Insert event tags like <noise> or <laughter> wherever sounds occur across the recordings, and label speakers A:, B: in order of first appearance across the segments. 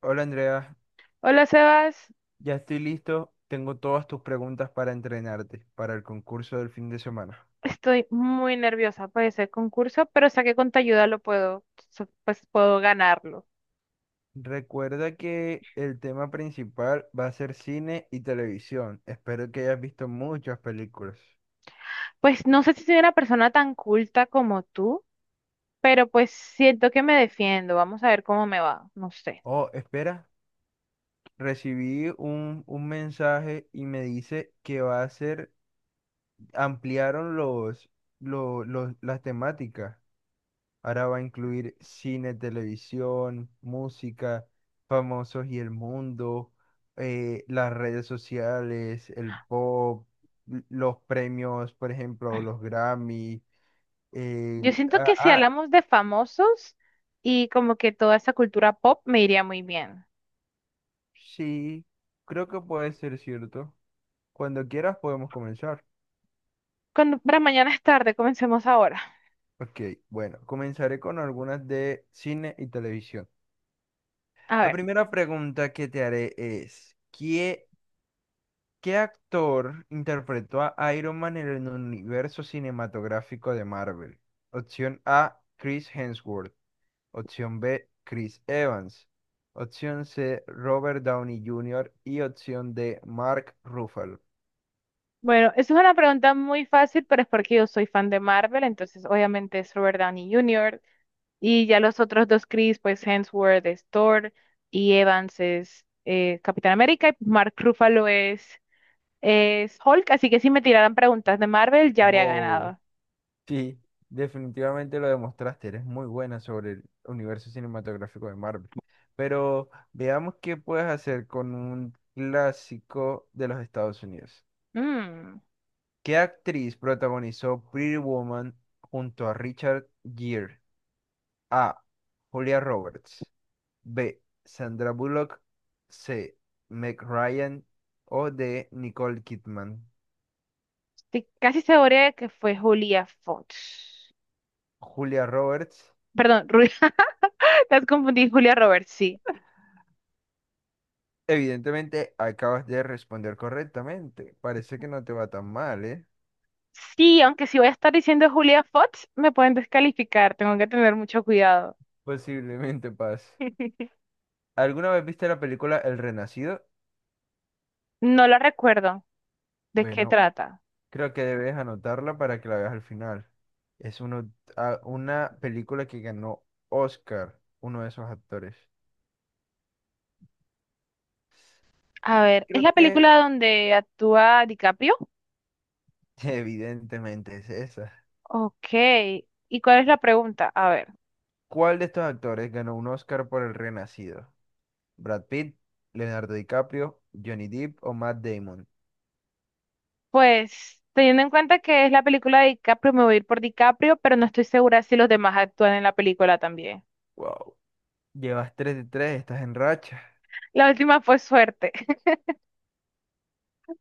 A: Hola Andrea,
B: Hola Sebas,
A: ya estoy listo. Tengo todas tus preguntas para entrenarte para el concurso del fin de semana.
B: estoy muy nerviosa por ese concurso, pero sé que con tu ayuda lo puedo, pues puedo ganarlo.
A: Recuerda que el tema principal va a ser cine y televisión. Espero que hayas visto muchas películas.
B: Pues no sé si soy una persona tan culta como tú, pero pues siento que me defiendo. Vamos a ver cómo me va, no sé.
A: Oh, espera, recibí un mensaje y me dice que va a ser, ampliaron las temáticas. Ahora va a incluir cine, televisión, música, famosos y el mundo, las redes sociales, el pop, los premios, por ejemplo, los Grammy.
B: Yo
A: eh,
B: siento
A: ah,
B: que si
A: ah,
B: hablamos de famosos y como que toda esa cultura pop me iría muy bien.
A: sí, creo que puede ser cierto. Cuando quieras podemos comenzar.
B: Cuando, para mañana es tarde, comencemos ahora.
A: Ok, bueno, comenzaré con algunas de cine y televisión.
B: A
A: La
B: ver,
A: primera pregunta que te haré es, ¿qué actor interpretó a Iron Man en el universo cinematográfico de Marvel? Opción A, Chris Hemsworth. Opción B, Chris Evans. Opción C, Robert Downey Jr. Y opción D, Mark Ruffalo.
B: bueno, eso es una pregunta muy fácil, pero es porque yo soy fan de Marvel, entonces obviamente es Robert Downey Jr. Y ya los otros dos Chris, pues Hemsworth es Thor y Evans es Capitán América y es Hulk. Así que si me tiraran preguntas de Marvel, ya habría
A: Wow,
B: ganado.
A: sí, definitivamente lo demostraste. Eres muy buena sobre el universo cinematográfico de Marvel. Pero veamos qué puedes hacer con un clásico de los Estados Unidos.
B: Mm,
A: ¿Qué actriz protagonizó Pretty Woman junto a Richard Gere? A. Julia Roberts. B. Sandra Bullock. C. Meg Ryan. O D. Nicole Kidman.
B: estoy casi segura de que fue Julia Fox.
A: Julia Roberts.
B: Perdón, Julia, <laughs> te has confundido, Julia Roberts, sí.
A: Evidentemente acabas de responder correctamente. Parece que no te va tan mal, ¿eh?
B: Sí, aunque si voy a estar diciendo Julia Fox, me pueden descalificar. Tengo que tener mucho cuidado.
A: Posiblemente Paz.
B: <laughs>
A: ¿Alguna vez viste la película El Renacido?
B: No la recuerdo. ¿De qué
A: Bueno,
B: trata?
A: creo que debes anotarla para que la veas al final. Es una película que ganó Oscar, uno de esos actores.
B: A ver, ¿es
A: Creo
B: la
A: que
B: película donde actúa DiCaprio?
A: <laughs> evidentemente es esa.
B: Ok, ¿y cuál es la pregunta? A ver,
A: ¿Cuál de estos actores ganó un Oscar por El Renacido? ¿Brad Pitt, Leonardo DiCaprio, Johnny Depp o Matt Damon?
B: pues teniendo en cuenta que es la película de DiCaprio, me voy a ir por DiCaprio, pero no estoy segura si los demás actúan en la película también.
A: Wow. Llevas 3 de tres, estás en racha.
B: La última fue suerte. <laughs>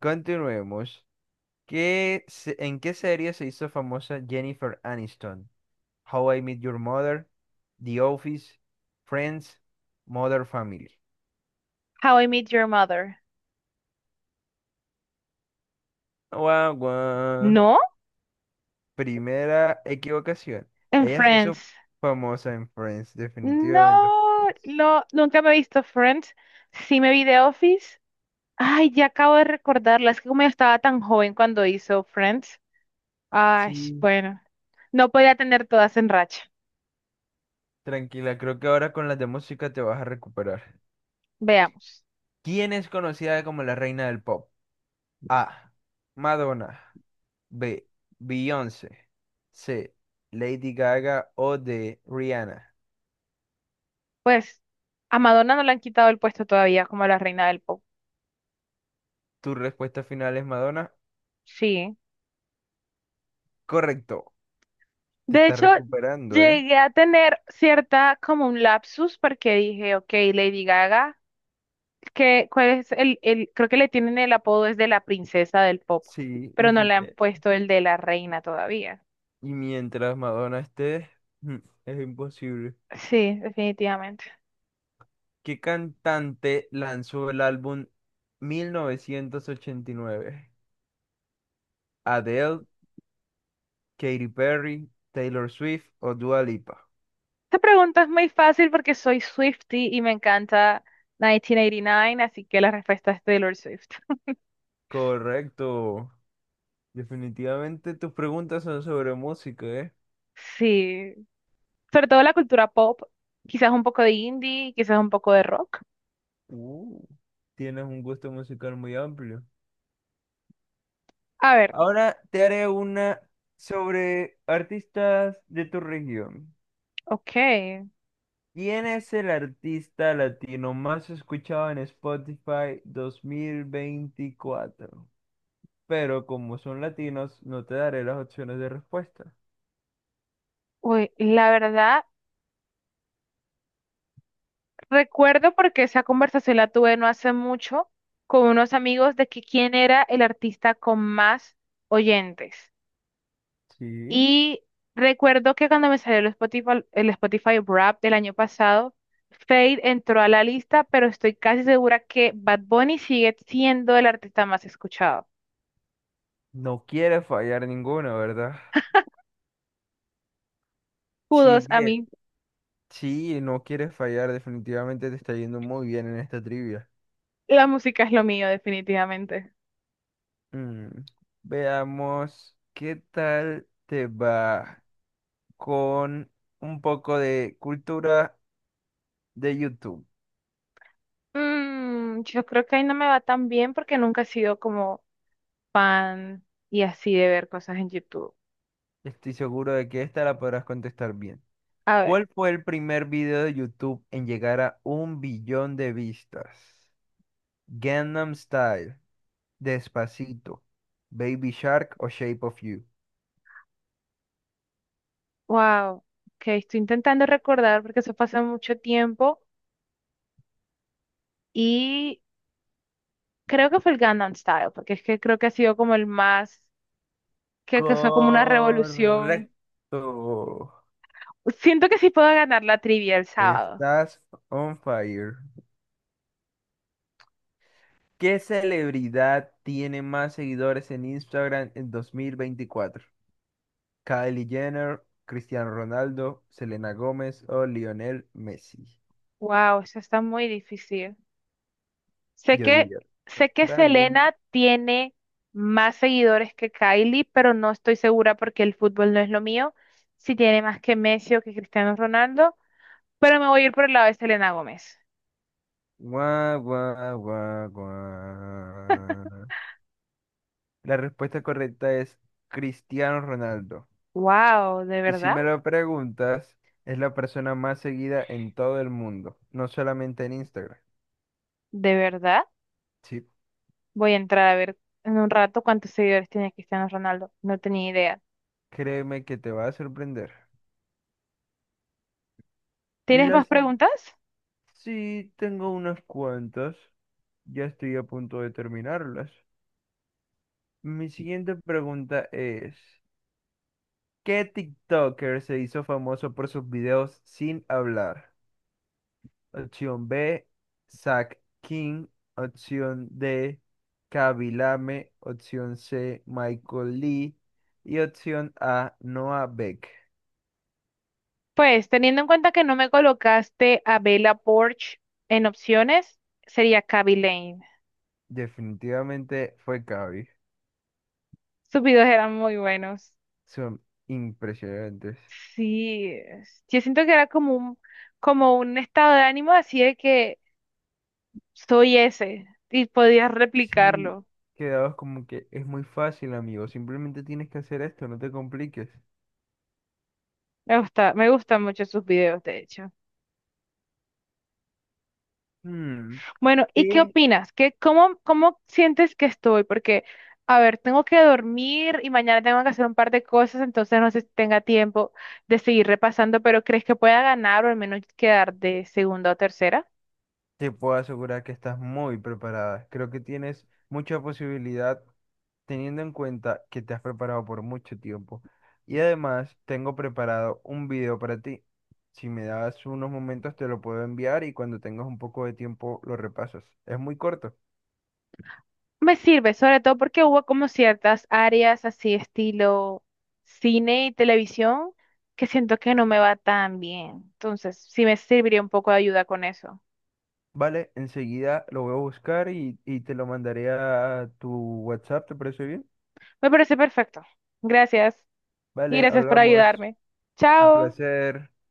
A: Continuemos. ¿En qué serie se hizo famosa Jennifer Aniston? How I Met Your Mother, The Office, Friends, Mother Family.
B: How I Met Your Mother.
A: Guau, guau.
B: ¿No?
A: Primera equivocación.
B: En
A: Ella se hizo
B: Friends.
A: famosa en Friends, definitivamente
B: No,
A: Friends.
B: no, nunca me he visto Friends. Sí me vi The Office. Ay, ya acabo de recordarla. Es que como yo estaba tan joven cuando hizo Friends. Ay,
A: Sí,
B: bueno, no podía tener todas en racha.
A: tranquila, creo que ahora con las de música te vas a recuperar.
B: Veamos.
A: ¿Quién es conocida como la reina del pop? A. Madonna. B. Beyoncé. C. Lady Gaga o D. Rihanna.
B: Pues a Madonna no le han quitado el puesto todavía como la reina del pop.
A: ¿Tu respuesta final es Madonna?
B: Sí.
A: Correcto. Te
B: De
A: está
B: hecho,
A: recuperando, ¿eh?
B: llegué a tener cierta como un lapsus porque dije, ok, Lady Gaga, que cuál es creo que le tienen el apodo es de la princesa del pop,
A: Sí,
B: pero no le han puesto el de la reina todavía.
A: y mientras Madonna esté, mm, es imposible.
B: Sí, definitivamente.
A: ¿Qué cantante lanzó el álbum 1989? ¿Adele, Katy Perry, Taylor Swift o Dua Lipa?
B: Esta pregunta es muy fácil porque soy Swiftie y me encanta 1989, así que la respuesta es Taylor Swift. <laughs>
A: Correcto. Definitivamente tus preguntas son sobre música, ¿eh?
B: Sí, sobre todo la cultura pop, quizás un poco de indie, quizás un poco de rock.
A: Uh, tienes un gusto musical muy amplio.
B: A ver,
A: Ahora te haré una sobre artistas de tu región.
B: ok.
A: ¿Quién es el artista latino más escuchado en Spotify 2024? Pero como son latinos, no te daré las opciones de respuesta.
B: Uy, la verdad, recuerdo porque esa conversación la tuve no hace mucho con unos amigos de que quién era el artista con más oyentes.
A: Sí.
B: Y recuerdo que cuando me salió el Spotify Wrap del año pasado, Fade entró a la lista, pero estoy casi segura que Bad Bunny sigue siendo el artista más escuchado.
A: No quiere fallar ninguna, ¿verdad?
B: Kudos
A: Sí,
B: a
A: Yes.
B: mí,
A: Sí, no quiere fallar. Definitivamente te está yendo muy bien en esta trivia.
B: la música es lo mío, definitivamente.
A: Mm, Veamos qué tal te va con un poco de cultura de YouTube.
B: Mm, yo creo que ahí no me va tan bien porque nunca he sido como fan y así de ver cosas en YouTube.
A: Estoy seguro de que esta la podrás contestar bien.
B: A ver,
A: ¿Cuál fue el primer video de YouTube en llegar a un billón de vistas? Gangnam Style, Despacito, Baby Shark o Shape of You.
B: wow, que estoy intentando recordar porque eso pasa mucho tiempo y creo que fue el Gangnam Style, porque es que creo que ha sido como el más que causó como una revolución.
A: Correcto.
B: Siento que sí puedo ganar la trivia el sábado.
A: Estás on fire. ¿Qué celebridad tiene más seguidores en Instagram en 2024? Kylie Jenner, Cristiano Ronaldo, Selena Gómez o Lionel Messi.
B: Wow, eso está muy difícil. Sé
A: Yo
B: que,
A: diría
B: sé que
A: contrario.
B: Selena tiene más seguidores que Kylie, pero no estoy segura porque el fútbol no es lo mío. Si tiene más que Messi o que Cristiano Ronaldo, pero me voy a ir por el lado de Selena Gómez.
A: Guau, guau, guau, guau. La respuesta correcta es Cristiano Ronaldo.
B: Wow, ¿de
A: Y si
B: verdad?
A: me lo preguntas, es la persona más seguida en todo el mundo, no solamente en Instagram.
B: ¿De verdad?
A: Sí,
B: Voy a entrar a ver en un rato cuántos seguidores tiene Cristiano Ronaldo. No tenía idea.
A: créeme que te va a sorprender.
B: ¿Tienes más
A: Las...
B: preguntas?
A: Sí, tengo unas cuantas. Ya estoy a punto de terminarlas. Mi siguiente pregunta es, ¿qué TikToker se hizo famoso por sus videos sin hablar? Opción B, Zach King. Opción D, Kabilame. Opción C, Michael Lee. Y opción A, Noah Beck.
B: Pues teniendo en cuenta que no me colocaste a Bella Poarch en opciones, sería Kaby Lane.
A: Definitivamente fue Kaby.
B: Sus videos eran muy buenos.
A: Son impresionantes.
B: Yo siento que era como un estado de ánimo así de que soy ese y podías
A: Sí,
B: replicarlo.
A: quedabas como que es muy fácil, amigo. Simplemente tienes que hacer esto, no te compliques.
B: Me gustan mucho sus videos, de hecho.
A: Hmm.
B: Bueno, ¿y qué
A: ¿Qué?
B: opinas? ¿Cómo sientes que estoy? Porque, a ver, tengo que dormir y mañana tengo que hacer un par de cosas, entonces no sé si tenga tiempo de seguir repasando, pero ¿crees que pueda ganar o al menos quedar de segunda o tercera?
A: Te puedo asegurar que estás muy preparada. Creo que tienes mucha posibilidad teniendo en cuenta que te has preparado por mucho tiempo. Y además tengo preparado un video para ti. Si me das unos momentos te lo puedo enviar y cuando tengas un poco de tiempo lo repasas. Es muy corto.
B: Me sirve, sobre todo porque hubo como ciertas áreas así estilo cine y televisión que siento que no me va tan bien. Entonces, sí me serviría un poco de ayuda con eso.
A: Vale, enseguida lo voy a buscar y te lo mandaré a tu WhatsApp, ¿te parece bien?
B: Me parece perfecto. Gracias. Y
A: Vale,
B: gracias por
A: hablamos.
B: ayudarme.
A: Un
B: Chao.
A: placer.